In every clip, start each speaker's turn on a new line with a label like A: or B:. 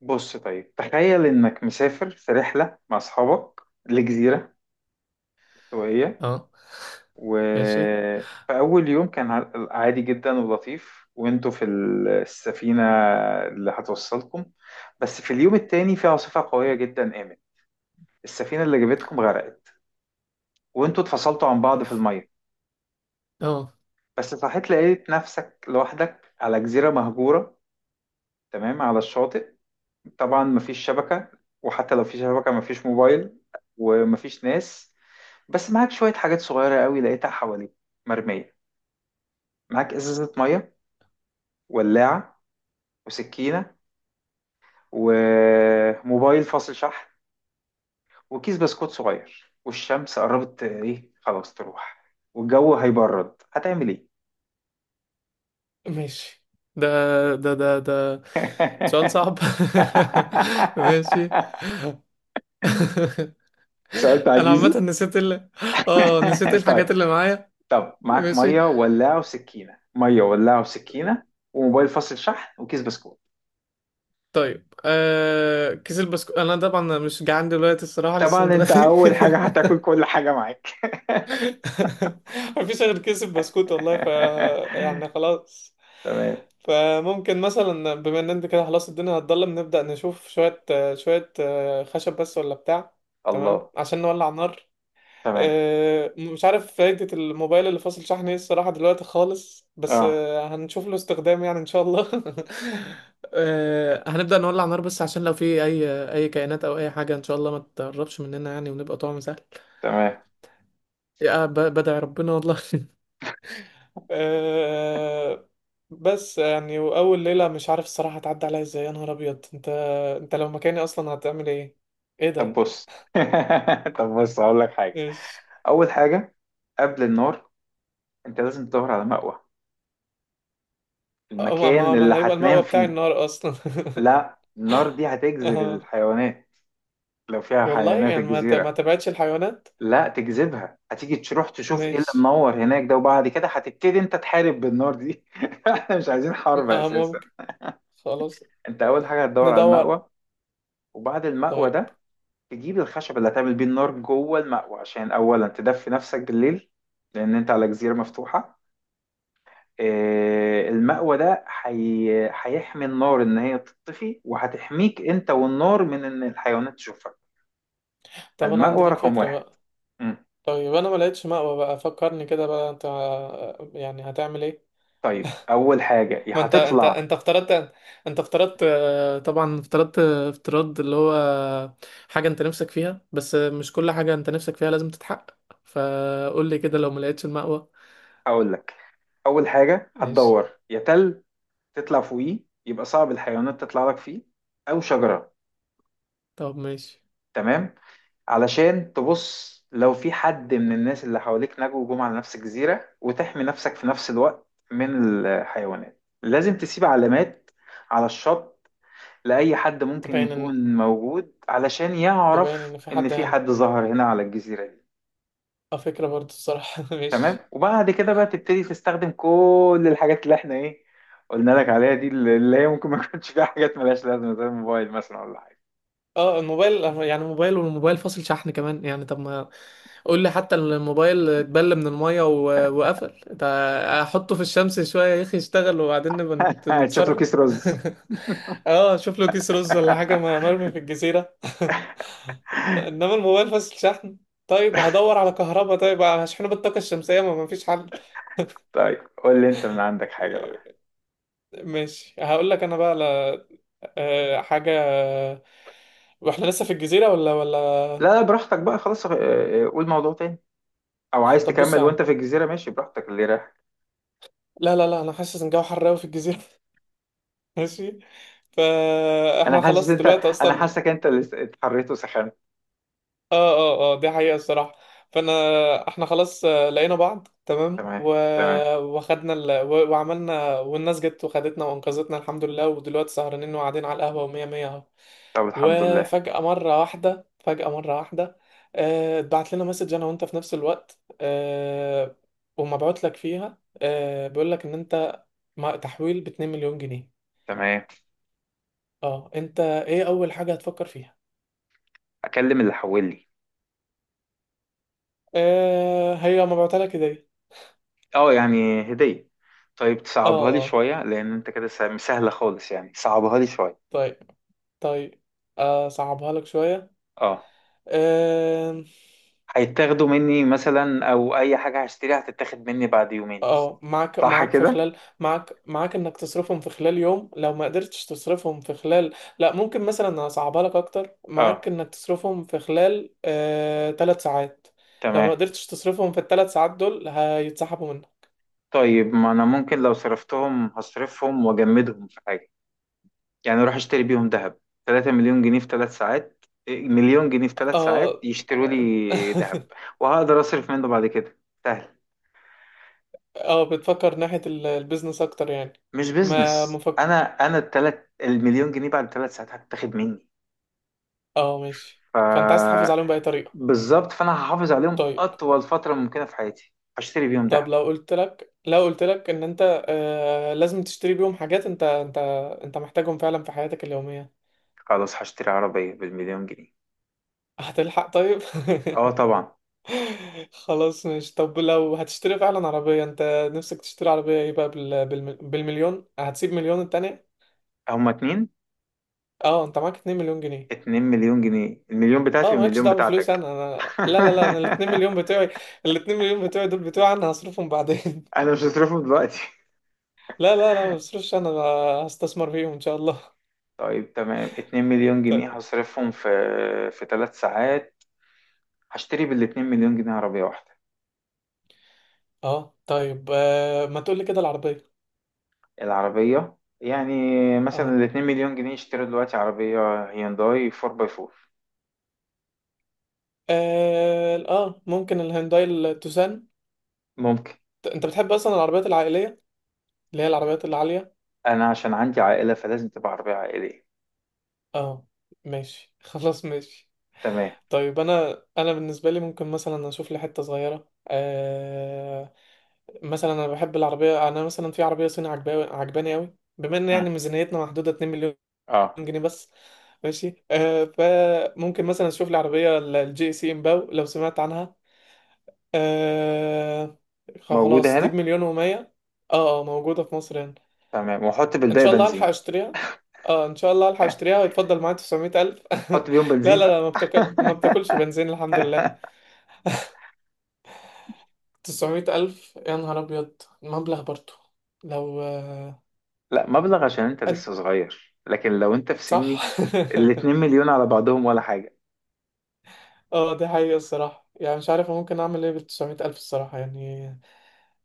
A: بص، طيب تخيل انك مسافر في رحلة مع اصحابك لجزيرة استوائية.
B: اه، ماشي.
A: وفي اول يوم كان عادي جدا ولطيف وانتوا في السفينة اللي هتوصلكم. بس في اليوم التاني في عاصفة قوية جدا قامت. السفينة اللي جابتكم غرقت وانتوا اتفصلتوا عن بعض في
B: أف-
A: المية.
B: اه،
A: بس صحيت لقيت نفسك لوحدك على جزيرة مهجورة تمام على الشاطئ. طبعا مفيش شبكة، وحتى لو في شبكة مفيش موبايل، ومفيش ناس. بس معاك شوية حاجات صغيرة قوي لقيتها حواليك مرمية. معاك إزازة مية، ولاعة، وسكينة، وموبايل فاصل شحن، وكيس بسكوت صغير. والشمس قربت، إيه، خلاص تروح، والجو هيبرد. هتعمل إيه؟
B: ماشي. ده ده سؤال صعب. ماشي.
A: سؤال
B: انا
A: تعجيزي.
B: عامة نسيت ال اه نسيت
A: طيب.
B: الحاجات اللي معايا.
A: طب معاك
B: ماشي،
A: مية، ولاعة، وسكينة، مية، ولاعة، وسكينة، وموبايل فاصل شحن، وكيس بسكوت.
B: طيب. كيس البسكوت، انا طبعا مش جعان دلوقتي الصراحة، لسه
A: طبعا انت
B: متغدي.
A: اول حاجة هتاكل كل حاجة معاك.
B: مفيش غير كيس البسكوت والله، ف يعني خلاص.
A: تمام.
B: فممكن مثلا، بما ان انت كده خلاص الدنيا هتضلم، نبدأ نشوف شوية خشب بس ولا بتاع، تمام،
A: الله.
B: عشان نولع نار.
A: تمام.
B: مش عارف فايدة الموبايل اللي فاصل شحن ايه الصراحة دلوقتي خالص، بس
A: اه.
B: هنشوف له استخدام يعني ان شاء الله. هنبدأ نولع نار بس عشان لو في اي كائنات او اي حاجة ان شاء الله ما تقربش مننا يعني، ونبقى طعم سهل.
A: تمام.
B: يا بدع ربنا والله. أه، بس يعني واول ليله مش عارف الصراحه هتعدي عليا ازاي، يا نهار ابيض. انت لو مكاني اصلا هتعمل ايه؟ ايه
A: طب
B: ده؟
A: بص. طب بص، هقول لك حاجه.
B: ايش؟
A: اول حاجه، قبل النار، انت لازم تدور على مأوى،
B: أه، ما
A: المكان اللي
B: انا هيبقى
A: هتنام
B: المأوى بتاعي
A: فيه.
B: النار اصلا.
A: لا، النار دي هتجذب
B: اه
A: الحيوانات، لو فيها
B: والله
A: حيوانات
B: يعني ما
A: الجزيره.
B: تبعدش الحيوانات.
A: لا، تجذبها، هتيجي تروح تشوف ايه اللي
B: ماشي،
A: منور هناك ده، وبعد كده هتبتدي انت تحارب بالنار دي. احنا مش عايزين حرب
B: اه
A: اساسا.
B: ممكن، خلاص
A: انت اول حاجه هتدور على
B: ندور.
A: المأوى. وبعد المأوى
B: طيب،
A: ده، تجيب الخشب اللي هتعمل بيه النار جوه المأوى، عشان أولا تدفي نفسك بالليل، لأن أنت على جزيرة مفتوحة. المأوى ده هيحمي النار إن هي تطفي، وهتحميك أنت والنار من إن الحيوانات تشوفك.
B: طب انا عندي
A: فالمأوى
B: ليك
A: رقم
B: فكره
A: واحد.
B: بقى.
A: مم.
B: طيب، انا ما لقيتش مأوى بقى، فكرني كده بقى، انت يعني هتعمل ايه؟
A: طيب، أول حاجة يا
B: ما انت انت
A: هتطلع،
B: انت افترضت. انت افترضت طبعا افترضت افتراض اللي هو حاجة انت نفسك فيها، بس مش كل حاجة انت نفسك فيها لازم تتحقق. فقول لي كده، لو ما لقيتش المأوى.
A: أقول لك، أول حاجة
B: ماشي.
A: هتدور يا تل تطلع فوقيه، يبقى صعب الحيوانات تطلع لك فيه، أو شجرة.
B: طب ماشي.
A: تمام. علشان تبص لو في حد من الناس اللي حواليك نجوا وجم على نفس الجزيرة، وتحمي نفسك في نفس الوقت من الحيوانات، لازم تسيب علامات على الشط لأي حد ممكن
B: تبين ان
A: يكون موجود، علشان
B: تبين
A: يعرف
B: ان في
A: إن
B: حد
A: في
B: هنا.
A: حد ظهر هنا على الجزيرة دي.
B: اه، فكرة برضه الصراحة.
A: تمام.
B: ماشي.
A: وبعد كده بقى تبتدي تستخدم كل الحاجات اللي احنا، ايه، قلنا لك عليها، دي اللي هي ممكن ما يكونش فيها حاجات ملهاش لازمة، زي الموبايل مثلا ولا حاجة.
B: اه الموبايل، يعني موبايل والموبايل فاصل شحن كمان يعني، طب ما قول لي، حتى الموبايل اتبل من المية وقفل ده، احطه في الشمس شوية يا اخي يشتغل، وبعدين نبقى
A: تشوف له كيس
B: نتصرف.
A: رز.
B: اه، اشوف له كيس رز ولا حاجة مرمي في الجزيرة. انما الموبايل فاصل شحن، طيب هدور على كهرباء، طيب هشحنه بالطاقة الشمسية، ما مفيش حل.
A: طيب، قول لي انت من عندك حاجة
B: آه،
A: بقى.
B: ماشي، هقول لك انا بقى على حاجة. واحنا لسه في الجزيرة ولا
A: لا،
B: ولا
A: لا، براحتك بقى خلاص. قول موضوع تاني، او عايز
B: طب بص يا
A: تكمل وانت
B: عم،
A: في الجزيرة. ماشي، براحتك اللي رايح.
B: لا لا لا انا حاسس ان الجو حر قوي في الجزيره. ماشي، فاحنا
A: انا حاسس
B: خلاص
A: انت
B: دلوقتي
A: انا
B: اصلا.
A: حاسك انت اللي اتحريت وسخنت.
B: اه اه اه، دي حقيقه الصراحه. فانا احنا خلاص لقينا بعض تمام
A: تمام.
B: و...
A: تمام.
B: وخدنا ال... و... وعملنا، والناس جت وخدتنا وانقذتنا الحمد لله. ودلوقتي سهرانين وقاعدين على القهوه ومية مية اهو.
A: طب، الحمد لله.
B: وفجاه مره واحده فجاه مره واحده اتبعت لنا مسج انا وانت في نفس الوقت، ومبعوت لك فيها بيقول لك ان انت تحويل ب 2 مليون جنيه.
A: تمام.
B: اه انت ايه اول حاجة هتفكر فيها؟
A: اكلم اللي حولي.
B: آه هي ما بعتلك كده.
A: اه، يعني هدية. طيب،
B: اه
A: تصعبها لي
B: اه،
A: شوية، لان انت كده سهلة خالص يعني. صعبها لي شوية.
B: طيب طيب. آه، صعبها لك شوية.
A: اه،
B: آه.
A: هيتاخدوا مني مثلا، او اي حاجة هشتريها هتتاخد مني بعد يومين.
B: اه، معاك
A: صح
B: معاك في
A: كده.
B: خلال معاك انك تصرفهم في خلال يوم، لو ما قدرتش تصرفهم في خلال. لا، ممكن مثلا اصعبها لك اكتر. معاك
A: اه.
B: انك تصرفهم في خلال 3 ساعات، لو ما
A: تمام.
B: قدرتش تصرفهم في الثلاث ساعات دول هيتسحبوا منك.
A: طيب، ما انا ممكن لو صرفتهم هصرفهم واجمدهم في حاجة. يعني اروح اشتري بيهم ذهب. 3 مليون جنيه في 3 ساعات، إيه، مليون جنيه في 3 ساعات
B: اه.
A: يشتروا لي ذهب، وهقدر اصرف منه بعد كده. سهل.
B: اه، بتفكر ناحية البيزنس اكتر يعني.
A: مش
B: ما
A: بيزنس.
B: مفك.
A: انا التلات المليون جنيه بعد 3 ساعات هتتاخد مني.
B: اه ماشي، فانت عايز
A: ف
B: تحافظ عليهم بأي طريقة.
A: بالظبط. فانا هحافظ عليهم
B: طيب.
A: اطول فتره ممكنه في حياتي، هشتري بيهم دهب.
B: طب لو قلت لك ان انت آه لازم تشتري بيهم حاجات انت انت محتاجهم فعلا في حياتك اليومية.
A: خلاص، هشتري عربيه بالمليون جنيه.
B: هتلحق طيب؟
A: اه، طبعا.
B: خلاص، ماشي. طب لو هتشتري فعلا عربية، انت نفسك تشتري عربية ايه بقى بالمليون؟ هتسيب مليون التانية؟
A: هما اتنين.
B: اه انت معاك 2 مليون جنيه.
A: 2 مليون جنيه، المليون بتاعتي
B: اه مالكش
A: والمليون
B: دعوه بفلوس
A: بتاعتك.
B: انا، لا لا لا، انا الاتنين مليون بتوعي. الاتنين مليون بتوعي دول بتوعي انا، هصرفهم بعدين.
A: انا مش هصرفهم دلوقتي.
B: لا لا لا، ما بصرفش انا هستثمر فيهم ان شاء الله.
A: طيب، تمام، 2 مليون جنيه
B: طيب.
A: هصرفهم في 3 ساعات. هشتري بال 2 مليون جنيه عربية واحدة.
B: اه طيب، آه ما تقول لي كده العربيه.
A: العربية. يعني مثلا ال
B: اه
A: 2 مليون جنيه يشتروا دلوقتي عربية هيونداي 4 باي 4.
B: اه، آه، ممكن الهيونداي التوسان.
A: ممكن.
B: انت بتحب اصلا العربيات العائليه اللي هي العربيات العاليه.
A: أنا عشان عندي عائلة فلازم تبقى عربية عائلية.
B: اه، ماشي. خلاص ماشي.
A: تمام.
B: طيب، انا بالنسبه لي ممكن مثلا اشوف لي حته صغيره، مثلا انا بحب العربيه. انا مثلا في عربيه صيني عجباني عجباني قوي، بما ان يعني
A: مم.
B: ميزانيتنا محدوده 2 مليون
A: اه،
B: جنيه بس. ماشي، آه، فممكن مثلا اشوف العربيه الجي سي امباو، لو سمعت عنها. آه.
A: موجودة
B: خلاص، دي
A: هنا.
B: بمليون و100. اه، موجوده في مصر هنا.
A: تمام، وأحط
B: ان
A: بالباقي
B: شاء الله الحق
A: بنزين.
B: اشتريها. اه ان شاء الله الحق اشتريها ويتفضل معايا 900,000.
A: حط بيهم
B: لا لا
A: بنزين
B: لا،
A: بقى.
B: ما بتاكل ما بتاكلش بنزين الحمد لله. 900,000 يا نهار ابيض، مبلغ برضه. لو
A: لا، مبلغ، عشان أنت لسه صغير، لكن لو أنت في
B: صح.
A: سني الاتنين مليون على بعضهم ولا حاجة.
B: اه دي حقيقة الصراحة، يعني مش عارف ممكن اعمل ايه بالتسعمية الف الصراحة، يعني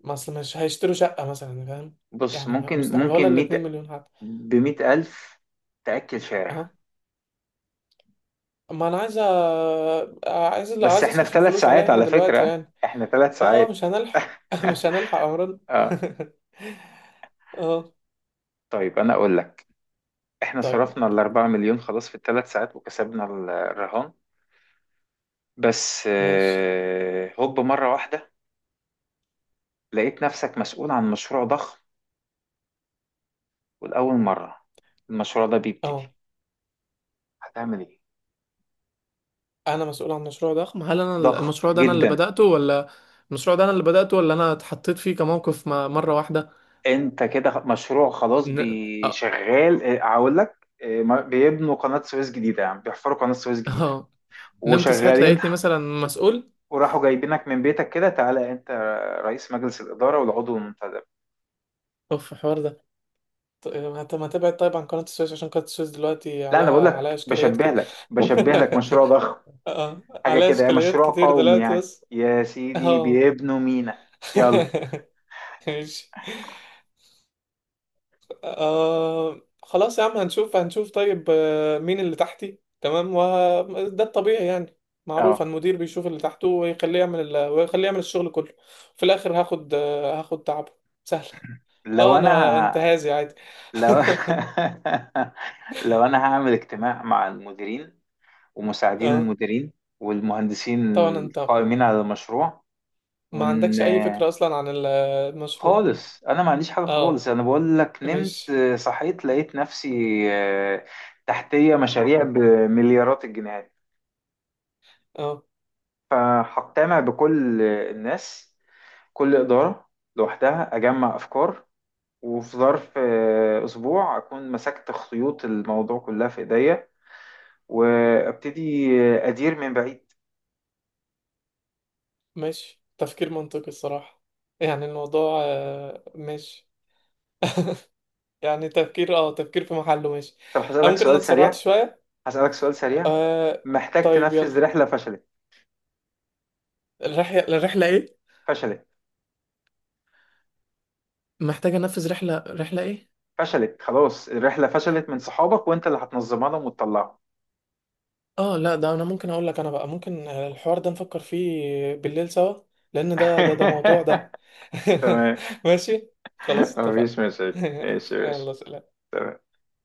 B: ما اصل مش هيشتروا شقة مثلا فاهم،
A: بص،
B: يعني
A: ممكن
B: مستحيل،
A: ممكن
B: ولا الاتنين مليون حتى.
A: بـ100 ألف تأكل شارع.
B: اه ما انا عايز عايز
A: بس
B: عايز
A: احنا في
B: اصرف
A: ثلاث
B: الفلوس
A: ساعات
B: عليا انا
A: على
B: دلوقتي
A: فكرة.
B: يعني.
A: احنا ثلاث
B: اه مش
A: ساعات
B: هنلحق. مش هنلحق امرنا.
A: اه،
B: اه،
A: طيب، انا اقول لك. احنا
B: طيب
A: صرفنا الاربعة مليون خلاص في الثلاث ساعات، وكسبنا الرهان. بس
B: ماشي.
A: هوب، مرة واحدة لقيت نفسك مسؤول عن مشروع ضخم، والأول مرة المشروع ده بيبتدي.
B: اه
A: هتعمل ايه؟
B: انا مسؤول عن مشروع ضخم؟ هل انا
A: ضخم
B: المشروع ده انا اللي
A: جدا.
B: بدأته ولا؟ المشروع ده انا اللي بدأته ولا انا اتحطيت فيه كموقف مرة واحدة؟
A: انت كده مشروع خلاص
B: ن...
A: بيشغال. اه، هقول لك، بيبنوا قناة سويس جديدة، يعني بيحفروا قناة سويس جديدة
B: اه نمت صحيت
A: وشغالين.
B: لقيتني مثلا مسؤول.
A: وراحوا جايبينك من بيتك كده، تعالى انت رئيس مجلس الإدارة والعضو المنتدب.
B: اوف الحوار ده. طب ما تبعد طيب عن قناة السويس، عشان قناة السويس دلوقتي
A: لا، انا بقول
B: عليها
A: لك،
B: اشكاليات
A: بشبه
B: كده.
A: لك بشبه لك مشروع ضخم،
B: اه
A: حاجة
B: عليها
A: كده
B: اشكاليات
A: مشروع
B: كتير
A: قومي
B: دلوقتي
A: يعني،
B: بس.
A: يا سيدي،
B: اه.
A: بيبنوا مينا. يلا.
B: ماشي. آه خلاص يا عم، هنشوف هنشوف. طيب، مين اللي تحتي؟ تمام، وده الطبيعي يعني معروف.
A: اه،
B: المدير بيشوف اللي تحته ويخليه يعمل ويخليه يعمل الشغل كله، في الاخر هاخد هاخد تعبه. سهل.
A: لو
B: اه
A: انا
B: انا
A: ه...
B: انتهازي عادي.
A: لو لو انا هعمل اجتماع مع المديرين ومساعدين
B: اه
A: المديرين والمهندسين
B: طبعا، انت
A: القائمين على المشروع.
B: ما
A: ون
B: عندكش اي فكرة اصلا عن المشروع.
A: خالص انا ما عنديش حاجه خالص.
B: اه
A: انا بقول لك، نمت
B: مش
A: صحيت لقيت نفسي، آه، تحتيه مشاريع بمليارات الجنيهات.
B: اه
A: فهقتنع بكل الناس، كل اداره لوحدها، اجمع افكار. وفي ظرف اسبوع اكون مسكت خيوط الموضوع كلها في ايديا، وابتدي ادير من بعيد.
B: مش تفكير منطقي الصراحة، يعني الموضوع مش يعني تفكير في محله، مش.
A: طب،
B: أنا
A: هسألك
B: ممكن انا
A: سؤال
B: اتسرعت
A: سريع.
B: شوية.
A: هسألك سؤال سريع
B: آه.
A: محتاج
B: طيب، يلا.
A: تنفذ رحلة فشلت،
B: الرحلة ايه؟
A: فشلت،
B: محتاجة انفذ رحلة، رحلة ايه؟
A: فشلت. خلاص الرحلة فشلت من صحابك وانت اللي هتنظمها لهم وتطلعهم.
B: اه لا، ده انا ممكن اقول لك انا بقى، ممكن الحوار ده نفكر فيه بالليل سوا، لان ده موضوع ده.
A: تمام،
B: ماشي، خلاص اتفقنا.
A: مفيش مشاكل. ماشي.
B: يلا
A: ماشي.
B: سلام.
A: تمام.